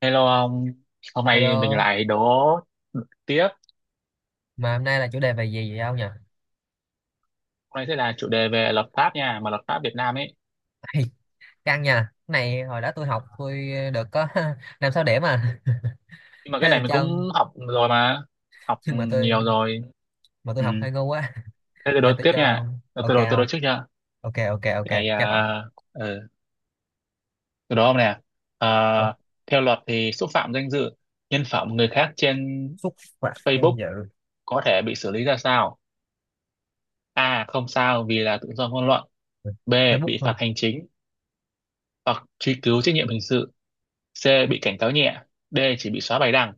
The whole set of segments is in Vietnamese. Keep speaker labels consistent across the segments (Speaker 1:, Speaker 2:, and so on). Speaker 1: Hello ông, hôm nay mình
Speaker 2: Hello,
Speaker 1: lại đố tiếp.
Speaker 2: mà hôm nay là chủ đề về gì vậy ông nhỉ?
Speaker 1: Hôm nay sẽ là chủ đề về luật pháp nha, mà luật pháp Việt Nam ấy.
Speaker 2: Ê, căng nha. Cái này hồi đó tôi học, được có 5 6 điểm à.
Speaker 1: Nhưng mà cái
Speaker 2: Thế
Speaker 1: này
Speaker 2: tôi
Speaker 1: mình
Speaker 2: cho ông,
Speaker 1: cũng học rồi mà, học
Speaker 2: nhưng mà tôi
Speaker 1: nhiều rồi.
Speaker 2: mà tôi
Speaker 1: Ừ.
Speaker 2: học hơi ngu quá.
Speaker 1: Thế tôi đố
Speaker 2: Thôi tôi
Speaker 1: tiếp
Speaker 2: cho
Speaker 1: nha.
Speaker 2: ông. Ok
Speaker 1: Tôi đố
Speaker 2: không?
Speaker 1: trước nha.
Speaker 2: Ok ok ok,
Speaker 1: Cái này,
Speaker 2: chấp ông.
Speaker 1: ừ, tôi đố ông nè. À,
Speaker 2: Ờ,
Speaker 1: Theo luật thì xúc phạm danh dự, nhân phẩm người khác trên
Speaker 2: xúc phạm danh
Speaker 1: Facebook
Speaker 2: dự.
Speaker 1: có thể bị xử lý ra sao? A. Không sao vì là tự do ngôn luận. B.
Speaker 2: Facebook
Speaker 1: Bị
Speaker 2: thôi.
Speaker 1: phạt hành chính hoặc truy cứu trách nhiệm hình sự. C bị cảnh cáo nhẹ. D chỉ bị xóa bài đăng.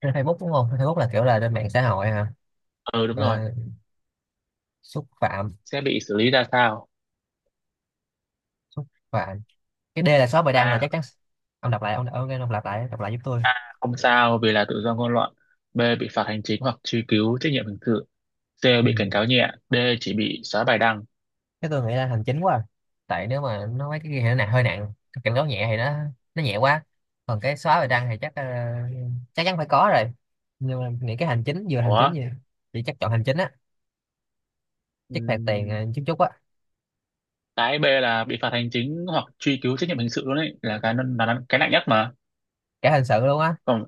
Speaker 2: Trên Facebook đúng không? Facebook là kiểu là trên mạng xã hội hả?
Speaker 1: Ừ đúng rồi.
Speaker 2: Ờ, xúc phạm,
Speaker 1: Sẽ bị xử lý ra sao?
Speaker 2: xúc phạm. Cái D là shop bài đăng là
Speaker 1: A
Speaker 2: chắc chắn. Ông đọc lại, ông đọc lại giúp tôi.
Speaker 1: không sao vì là tự do ngôn luận, B bị phạt hành chính hoặc truy cứu trách nhiệm hình sự, C
Speaker 2: Ừ.
Speaker 1: bị cảnh cáo nhẹ, D chỉ bị xóa bài đăng.
Speaker 2: Thế tôi nghĩ là hành chính quá à. Tại nếu mà nó mấy cái kia thì nó hơi nặng. Cái cảnh cáo nhẹ thì nó nhẹ quá, còn cái xóa bài đăng thì chắc chắc chắn phải có rồi, nhưng mà nghĩ cái hành chính, vừa hành chính
Speaker 1: Ủa?
Speaker 2: gì chỉ chắc chọn hành chính á, chắc phạt tiền
Speaker 1: ừm,
Speaker 2: chút chút á.
Speaker 1: cái B là bị phạt hành chính hoặc truy cứu trách nhiệm hình sự luôn ấy, là cái nặng nhất mà.
Speaker 2: Cả hình sự luôn á.
Speaker 1: Còn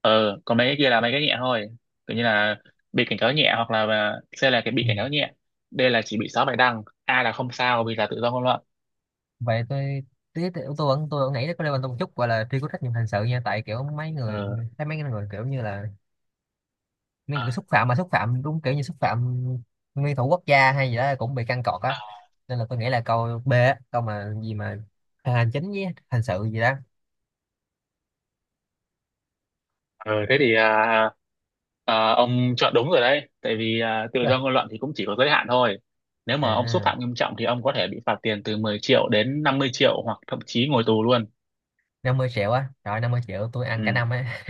Speaker 1: còn mấy cái kia là mấy cái nhẹ thôi, kiểu như là bị cảnh cáo nhẹ hoặc là C là cái bị
Speaker 2: Ừ.
Speaker 1: cảnh cáo nhẹ, D là chỉ bị xóa bài đăng, A là không sao vì là tự do ngôn luận.
Speaker 2: Vậy tôi tí tí- tôi vẫn nghĩ có liên quan tới một chút gọi là truy cứu trách nhiệm hình sự nha, tại kiểu mấy người
Speaker 1: Ờ
Speaker 2: thấy mấy người kiểu như là nên cứ
Speaker 1: ờ.
Speaker 2: xúc phạm, mà xúc phạm đúng kiểu như xúc phạm nguyên thủ quốc gia hay gì đó cũng bị căng cọt á. Nên là tôi nghĩ là câu B á, câu mà gì mà hành chính với hành sự gì đó.
Speaker 1: Ờ, thế thì à, à, Ông chọn đúng rồi đấy, tại vì tự do
Speaker 2: à,
Speaker 1: ngôn luận thì cũng chỉ có giới hạn thôi. Nếu mà ông xúc
Speaker 2: à,
Speaker 1: phạm nghiêm trọng thì ông có thể bị phạt tiền từ 10 triệu đến 50 triệu hoặc thậm chí ngồi tù luôn.
Speaker 2: 50 triệu á, rồi 50 triệu tôi ăn cả
Speaker 1: Ừ.
Speaker 2: năm á.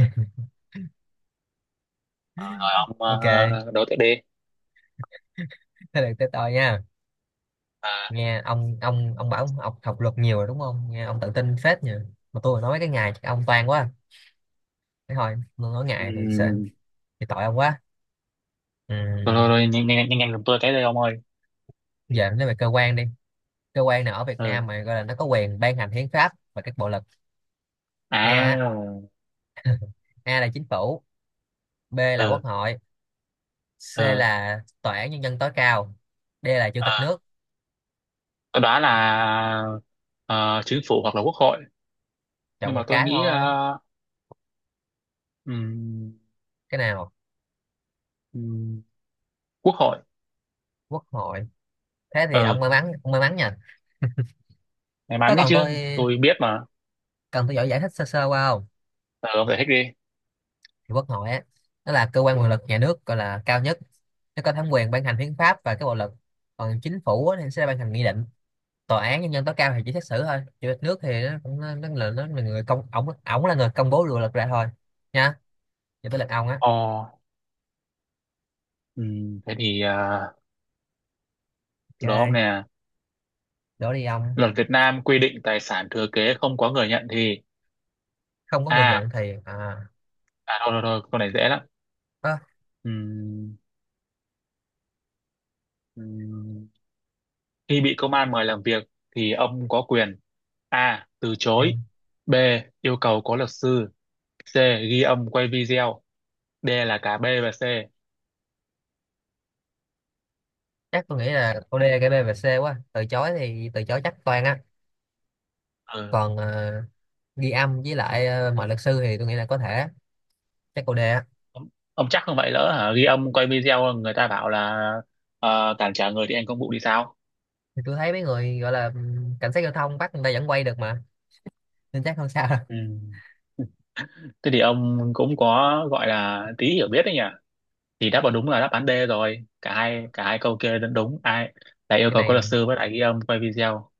Speaker 1: Ờ, rồi ông
Speaker 2: Ok, thế
Speaker 1: đối tiếp đi.
Speaker 2: được tới tôi nha.
Speaker 1: à,
Speaker 2: Nghe ông bảo ông học, học luật nhiều rồi đúng không, nghe ông tự tin phết nhỉ. Mà tôi nói cái ngày chắc ông toan quá, thế thôi tôi nói ngày thì sợ
Speaker 1: ừ.
Speaker 2: thì tội ông quá.
Speaker 1: Rồi, rồi,
Speaker 2: Ừ,
Speaker 1: rồi nhanh nhanh nhanh nhanh giùm tôi cái đây ông ơi.
Speaker 2: giờ nói về cơ quan đi. Cơ quan nào ở Việt Nam
Speaker 1: Ừ.
Speaker 2: mà gọi là nó có quyền ban hành hiến pháp và các bộ luật? a á,
Speaker 1: À.
Speaker 2: A là chính phủ, B là quốc
Speaker 1: Ừ.
Speaker 2: hội, C
Speaker 1: Ừ.
Speaker 2: là tòa án nhân dân tối cao, D là chủ tịch
Speaker 1: À,
Speaker 2: nước.
Speaker 1: tôi đoán là chính phủ hoặc là quốc hội,
Speaker 2: Chọn
Speaker 1: nhưng
Speaker 2: một
Speaker 1: mà tôi
Speaker 2: cái
Speaker 1: nghĩ
Speaker 2: thôi.
Speaker 1: ừm,
Speaker 2: Cái nào?
Speaker 1: ừm, quốc hội.
Speaker 2: Quốc hội. Thế thì
Speaker 1: Ừ.
Speaker 2: ông may mắn nha.
Speaker 1: May
Speaker 2: Có
Speaker 1: mắn ấy
Speaker 2: cần
Speaker 1: chứ,
Speaker 2: tôi
Speaker 1: tôi biết mà.
Speaker 2: Cần tôi giỏi giải thích sơ sơ qua không?
Speaker 1: Ờ, ông giải thích đi.
Speaker 2: Thì quốc hội á, nó là cơ quan quyền lực nhà nước gọi là cao nhất. Nó có thẩm quyền ban hành hiến pháp và các bộ luật. Còn chính phủ á, thì sẽ ban hành nghị định. Tòa án nhân dân tối cao thì chỉ xét xử thôi. Chủ tịch nước thì nó cũng nó là người công ổng ổng là người công bố luật ra thôi. Nha. Giờ tới lượt ông á.
Speaker 1: Ờ, ừ, thế thì à, Từ đó ông
Speaker 2: Ok,
Speaker 1: nè.
Speaker 2: đổ đi ông.
Speaker 1: Luật Việt Nam quy định tài sản thừa kế không có người nhận thì...
Speaker 2: Không có người
Speaker 1: À,
Speaker 2: nhận thì à,
Speaker 1: à thôi thôi thôi, câu này dễ lắm.
Speaker 2: ơ,
Speaker 1: Ừm, ừm, Khi bị công an mời làm việc thì ông có quyền A. Từ chối,
Speaker 2: em
Speaker 1: B. Yêu cầu có luật sư, C. Ghi âm quay video, D là cả B và C.
Speaker 2: chắc tôi nghĩ là câu D, cái B và C quá. Từ chối thì từ chối chắc toàn á,
Speaker 1: Ừ.
Speaker 2: còn ghi âm với lại mọi luật sư thì tôi nghĩ là có thể, chắc câu D á.
Speaker 1: Ông, ông chắc không vậy lỡ hả? Ghi âm quay video người ta bảo là cản trở người thi hành công vụ thì sao?
Speaker 2: Thì tôi thấy mấy người gọi là cảnh sát giao thông bắt người ta vẫn quay được mà, nên chắc không sao đâu.
Speaker 1: Ừ. Thế thì ông cũng có gọi là tí hiểu biết đấy nhỉ? Thì đáp vào đúng là đáp án D rồi. Cả hai câu kia đúng, đúng. Ai là yêu
Speaker 2: Cái
Speaker 1: cầu có
Speaker 2: này,
Speaker 1: luật sư với lại ghi âm quay video.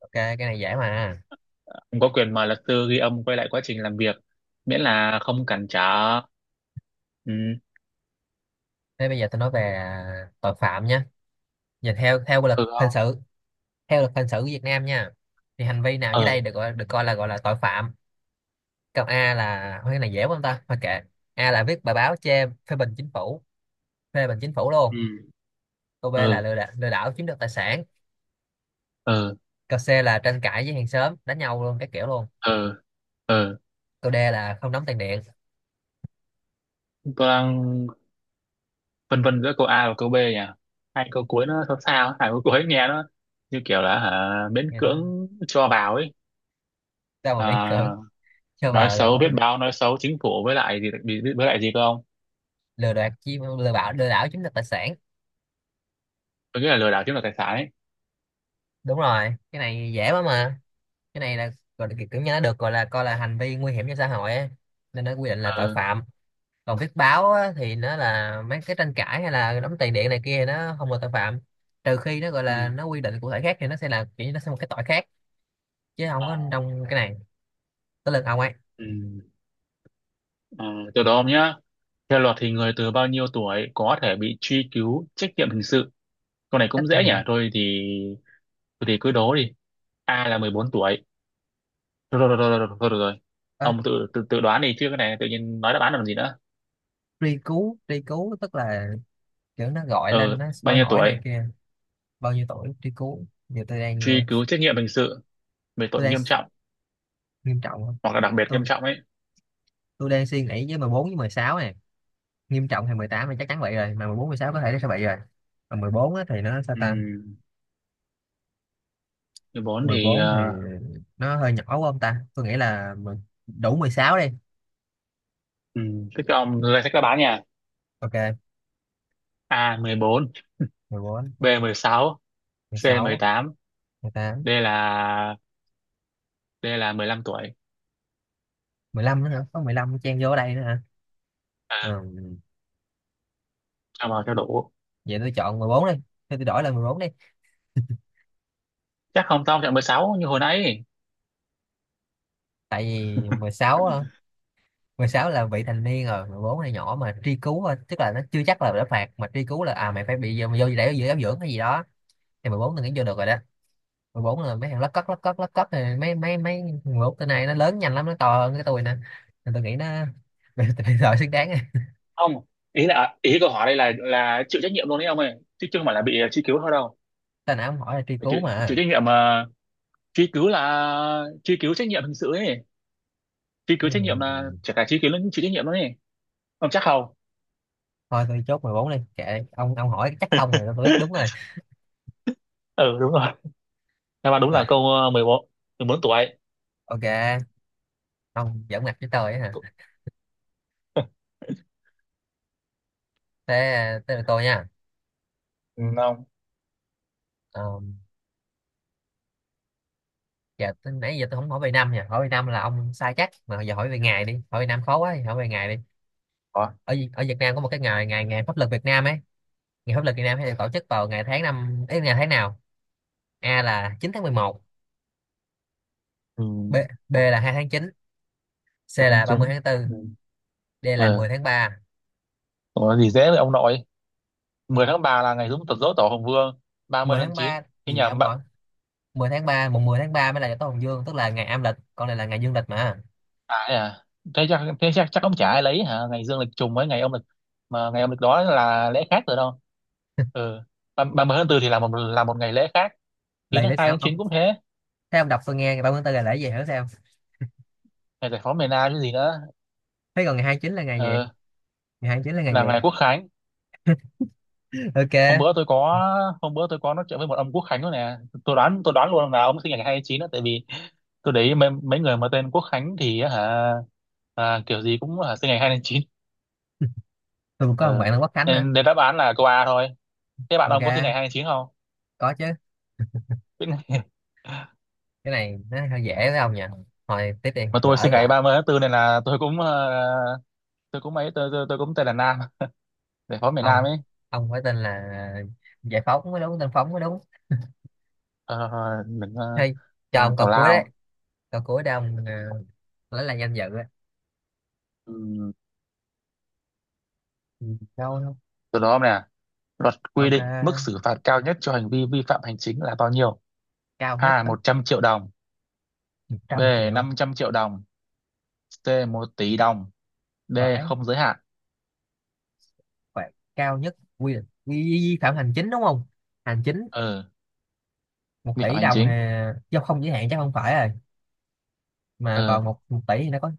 Speaker 2: ok cái này dễ mà.
Speaker 1: Ông có quyền mời luật sư ghi âm quay lại quá trình làm việc miễn là không cản trở. Ừ.
Speaker 2: Thế bây giờ tôi nói về tội phạm nhé. Nhìn theo theo luật
Speaker 1: Ừ
Speaker 2: hình
Speaker 1: không?
Speaker 2: sự, theo luật hình sự của Việt Nam nha, thì hành vi nào dưới
Speaker 1: Ừ.
Speaker 2: đây được gọi được coi là gọi là tội phạm? Câu A là, thôi cái này dễ quá không ta, thôi kệ. A là viết bài báo chê phê bình chính phủ, phê bình chính phủ luôn.
Speaker 1: Ừ.
Speaker 2: Câu B là
Speaker 1: Ừ.
Speaker 2: lừa đảo chiếm đoạt tài sản.
Speaker 1: Ừ.
Speaker 2: Câu C là tranh cãi với hàng xóm đánh nhau luôn các kiểu luôn.
Speaker 1: Ừ. Ừ.
Speaker 2: Câu D là không đóng tiền điện.
Speaker 1: Tôi đang phân vân giữa câu A và câu B nhỉ? Hai câu cuối nó sao sao, hai câu cuối nghe nó như kiểu là hả, miễn
Speaker 2: Nghe nó
Speaker 1: cưỡng cho vào ấy.
Speaker 2: sao mà miễn
Speaker 1: À,
Speaker 2: cưỡng cho
Speaker 1: nói
Speaker 2: vào là
Speaker 1: xấu
Speaker 2: có.
Speaker 1: biết báo nói xấu chính phủ với lại gì, với lại gì cơ ông?
Speaker 2: Lừa đảo chiếm, lừa bảo, lừa đảo chiếm đoạt tài sản,
Speaker 1: Tôi nghĩ là lừa đảo chiếm đoạt tài sản ấy.
Speaker 2: đúng rồi cái này dễ quá mà. Cái này là gọi là kiểu như nó được gọi là coi là hành vi nguy hiểm cho xã hội á, nên nó quy định là tội
Speaker 1: Ừ.
Speaker 2: phạm. Còn viết báo á, thì nó là mấy cái tranh cãi hay là đóng tiền điện này kia thì nó không là tội phạm, trừ khi nó gọi
Speaker 1: Ừ.
Speaker 2: là nó quy định cụ thể khác thì nó sẽ là kiểu như nó sẽ một cái tội khác, chứ không có
Speaker 1: Ờ,
Speaker 2: trong cái này. Tới lượt ông ấy.
Speaker 1: ừ Ờ, từ đó ông nhá. Theo luật thì người từ bao nhiêu tuổi có thể bị truy cứu trách nhiệm hình sự? Câu này cũng
Speaker 2: Trách
Speaker 1: dễ nhỉ,
Speaker 2: nhiệm,
Speaker 1: thôi thì cứ đố đi. A là 14 tuổi. Rồi rồi rồi rồi rồi, rồi, rồi,
Speaker 2: à,
Speaker 1: ông tự, tự tự đoán đi chứ cái này tự nhiên nói đáp án làm gì nữa.
Speaker 2: truy cứu tức là kiểu nó gọi lên
Speaker 1: Ừ
Speaker 2: nó
Speaker 1: bao
Speaker 2: hỏi
Speaker 1: nhiêu
Speaker 2: hỏi này
Speaker 1: tuổi
Speaker 2: kia. Bao nhiêu tuổi truy cứu, giờ tôi đang
Speaker 1: truy cứu trách nhiệm hình sự về
Speaker 2: tôi
Speaker 1: tội
Speaker 2: đang,
Speaker 1: nghiêm trọng
Speaker 2: nghiêm trọng không,
Speaker 1: hoặc là đặc biệt nghiêm
Speaker 2: tôi
Speaker 1: trọng ấy.
Speaker 2: tôi đang suy nghĩ với 14 với 16 này. Nghiêm trọng thì 18 thì chắc chắn vậy rồi, mà 14 16 có thể nó sẽ vậy rồi. Mà 14 á, thì nó sao
Speaker 1: Ừ
Speaker 2: ta.
Speaker 1: 14
Speaker 2: Mười
Speaker 1: thì
Speaker 2: bốn thì nó hơi nhỏ quá không ta, tôi nghĩ là đủ 16 đi.
Speaker 1: ừ, thế các ông danh sách đáp án nha.
Speaker 2: Ok.
Speaker 1: A mười bốn, B mười sáu, C mười tám,
Speaker 2: 14 16
Speaker 1: D là D là 15 tuổi.
Speaker 2: 15 nữa hả, có 15 chen vô ở đây nữa hả.
Speaker 1: À,
Speaker 2: Ừ.
Speaker 1: cho vào cho đủ.
Speaker 2: Vậy tôi chọn 14 đi. Thôi tôi đổi là 14 đi.
Speaker 1: Chắc không, tao chọn 16 như hồi nãy.
Speaker 2: Tại vì 16 á, 16 là vị thành niên rồi, 14 là nhỏ mà truy cứu thôi, tức là nó chưa chắc là đã phạt, mà truy cứu là, à mày phải bị vô vô để vô giáo dưỡng hay gì đó, thì 14 tôi nghĩ vô được rồi đó. 14 là mấy thằng lất cất lất cất lất cất này, mấy mấy mấy 14 tên này nó lớn nhanh lắm, nó to hơn cái tôi nè, nên tôi nghĩ nó bây giờ xứng đáng rồi.
Speaker 1: Không, ý là ý câu hỏi đây là chịu trách nhiệm luôn đấy ông ơi, chứ chứ không phải là bị truy cứu thôi đâu.
Speaker 2: Tên nào ông hỏi là truy
Speaker 1: Phải
Speaker 2: cứu
Speaker 1: chịu, chịu
Speaker 2: mà.
Speaker 1: trách nhiệm mà. Truy cứu là truy cứu trách nhiệm hình sự ấy. Truy cứu trách nhiệm là
Speaker 2: Ừ.
Speaker 1: chả cả truy cứu lẫn chịu trách nhiệm luôn ấy. Ông chắc không?
Speaker 2: Thôi tôi chốt 14 đi, kệ ông hỏi chắc không rồi tôi biết đúng rồi,
Speaker 1: Ừ đúng rồi. Đáp án đúng
Speaker 2: rồi.
Speaker 1: là câu mười bốn, mười bốn tuổi.
Speaker 2: Ok. Ông giỡn mặt với tôi á hả. Thế tới lượt tôi nha.
Speaker 1: Ừ, không.
Speaker 2: Ờ, dạ tới- nãy giờ tôi không hỏi về năm nha, hỏi về năm là ông sai chắc, mà giờ hỏi về ngày đi, hỏi về năm khó quá thì hỏi về ngày đi.
Speaker 1: Ủa?
Speaker 2: Ở ở Việt Nam có một cái ngày, ngày pháp luật Việt Nam ấy, ngày pháp luật Việt Nam hay được tổ chức vào ngày tháng năm ấy, ngày tháng nào? A là 9 tháng 11,
Speaker 1: Ừ.
Speaker 2: B B là 2 tháng 9, C
Speaker 1: Tháng
Speaker 2: là 30
Speaker 1: chín.
Speaker 2: tháng tư,
Speaker 1: Ừ.
Speaker 2: D là mười
Speaker 1: Ờ
Speaker 2: tháng ba,
Speaker 1: có gì dễ vậy ông nội. 10 tháng 3 là ngày đúng tật dỗ tổ Hùng Vương, 30
Speaker 2: Mười
Speaker 1: tháng
Speaker 2: tháng
Speaker 1: 9
Speaker 2: 3
Speaker 1: cái
Speaker 2: gì
Speaker 1: nhà
Speaker 2: ông
Speaker 1: bạn.
Speaker 2: nội. 10 tháng 3, mùng 10 tháng 3 mới là Tết Hồng Dương, tức là ngày âm lịch, còn này là ngày dương lịch mà.
Speaker 1: Phải à? Thế chắc thế chắc chắc ông chả ai lấy hả ngày dương lịch trùng với ngày âm lịch, mà ngày âm lịch đó là lễ khác rồi đâu. Ừ ba mươi tháng tư thì là một ngày lễ khác. Chín
Speaker 2: Lầy
Speaker 1: tháng
Speaker 2: lịch
Speaker 1: hai,
Speaker 2: ông
Speaker 1: tháng 9
Speaker 2: ông
Speaker 1: cũng thế.
Speaker 2: Thấy ông đọc tôi nghe, ngày 30 tháng 4 là lễ gì hiểu sao?
Speaker 1: Ngày giải phóng miền Nam cái gì nữa.
Speaker 2: Thế còn ngày 29 là ngày gì?
Speaker 1: Ừ
Speaker 2: Ngày 29 là ngày gì?
Speaker 1: là ngày Quốc Khánh.
Speaker 2: Ok.
Speaker 1: Hôm bữa tôi có hôm bữa tôi có nói chuyện với một ông Quốc Khánh đó nè. Tôi đoán luôn là ông sinh ngày 29 đó, tại vì tôi để ý mấy người mà tên Quốc Khánh thì á hả, à, kiểu gì cũng hả sinh ngày 2 tháng chín.
Speaker 2: Tôi cũng có một
Speaker 1: Ờ.
Speaker 2: bạn là Quốc Khánh nữa.
Speaker 1: Nên để đáp án là câu A thôi. Thế bạn ông có sinh ngày
Speaker 2: Ok,
Speaker 1: hai tháng chín không?
Speaker 2: có chứ.
Speaker 1: Biết ngay.
Speaker 2: Cái này nó hơi dễ với ông nhỉ, thôi tiếp đi
Speaker 1: Mà
Speaker 2: tôi
Speaker 1: tôi
Speaker 2: lỡ
Speaker 1: sinh ngày
Speaker 2: là.
Speaker 1: 30 tháng tư nên là tôi cũng tôi cũng tên là Nam, để phó miền Nam
Speaker 2: ông
Speaker 1: ấy.
Speaker 2: ông phải tên là giải phóng mới đúng, tên phóng mới đúng.
Speaker 1: Ờ, đừng ờ,
Speaker 2: Hay cho
Speaker 1: ờ,
Speaker 2: ông câu
Speaker 1: Tào
Speaker 2: cuối đấy,
Speaker 1: lao.
Speaker 2: câu cuối để ông lấy lại danh dự ấy.
Speaker 1: Ừ. Ừ.
Speaker 2: Cao không?
Speaker 1: Từ đó nè, luật quy
Speaker 2: Ok,
Speaker 1: định mức xử phạt cao nhất cho hành vi vi phạm hành chính là bao nhiêu?
Speaker 2: cao nhất
Speaker 1: A
Speaker 2: đó.
Speaker 1: 100 triệu đồng,
Speaker 2: Một
Speaker 1: B
Speaker 2: trăm triệu.
Speaker 1: 500 triệu đồng, C một tỷ đồng, D
Speaker 2: Vãi,
Speaker 1: không giới hạn.
Speaker 2: phạt cao nhất quy định vi vi phạm hành chính đúng không? Hành chính.
Speaker 1: Ờ
Speaker 2: Một
Speaker 1: vi phạm
Speaker 2: tỷ
Speaker 1: hành
Speaker 2: đồng
Speaker 1: chính.
Speaker 2: hà, do không giới hạn chắc không phải rồi. Mà
Speaker 1: Ờ.
Speaker 2: còn một một tỷ thì nó có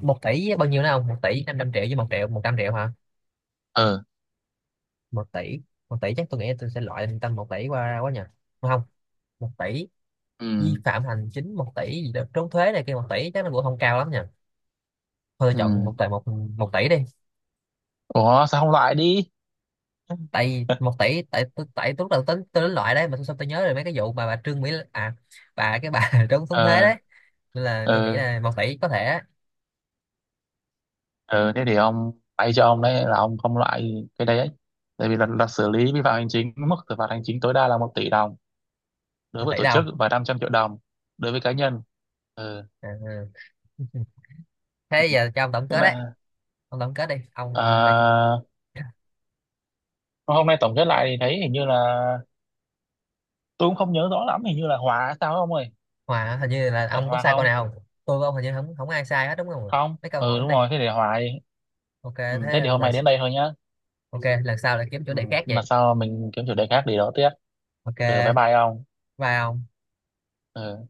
Speaker 2: một tỷ với bao nhiêu nữa không? 1 tỷ 500 triệu với 1 triệu 100 triệu hả?
Speaker 1: Ờ.
Speaker 2: Một tỷ. Một tỷ chắc tôi nghĩ là tôi sẽ loại tầm một tỷ qua ra quá nhỉ. Đúng không, một tỷ,
Speaker 1: Ừ.
Speaker 2: vi phạm hành chính một tỷ gì đó trốn thuế này kia, một tỷ chắc nó cũng không cao lắm nhỉ. Thôi tôi
Speaker 1: Ừ.
Speaker 2: chọn một tỷ, một một tỷ đi.
Speaker 1: Ủa sao không loại đi?
Speaker 2: Tại một tỷ tại tôi- Tại tôi lúc đầu tính tôi đến loại đấy, mà xong tôi nhớ rồi mấy cái vụ mà bà Trương Mỹ Lan, bà cái bà trốn trốn thuế
Speaker 1: Ờ.
Speaker 2: đấy, nên là
Speaker 1: Ờ.
Speaker 2: tôi nghĩ là một tỷ có thể á.
Speaker 1: Ờ thế thì ông bay cho ông đấy là ông không loại cái đấy ấy. Tại vì là xử lý vi phạm hành chính mức xử phạt hành chính tối đa là một tỷ đồng đối
Speaker 2: Một
Speaker 1: với
Speaker 2: tỷ
Speaker 1: tổ chức
Speaker 2: đâu.
Speaker 1: và 500 triệu đồng đối với cá nhân. Ờ
Speaker 2: Ừ. Thế giờ cho ông tổng
Speaker 1: tức
Speaker 2: kết đấy,
Speaker 1: là
Speaker 2: ông tổng kết đi ông ra cho-
Speaker 1: à, hôm nay tổng kết lại thì thấy hình như là tôi cũng không nhớ rõ lắm, hình như là hòa hay sao không ơi?
Speaker 2: Hòa, hình như là
Speaker 1: Phải
Speaker 2: ông có
Speaker 1: hòa
Speaker 2: sai câu
Speaker 1: không?
Speaker 2: nào không, tôi với ông hình như không không ai sai hết đúng không ạ?
Speaker 1: Không
Speaker 2: Mấy câu hỏi
Speaker 1: ừ
Speaker 2: hôm
Speaker 1: đúng
Speaker 2: nay,
Speaker 1: rồi, thế để hòa đi.
Speaker 2: ok.
Speaker 1: Ừ, thế
Speaker 2: Thế
Speaker 1: thì hôm nay đến đây thôi nhá.
Speaker 2: ok lần sau lại kiếm chủ
Speaker 1: Ừ.
Speaker 2: đề khác
Speaker 1: Lần
Speaker 2: vậy.
Speaker 1: sau mình kiếm chủ đề khác để đó tiếp. Ừ bye
Speaker 2: Ok,
Speaker 1: bye ông.
Speaker 2: bye ông.
Speaker 1: Ừ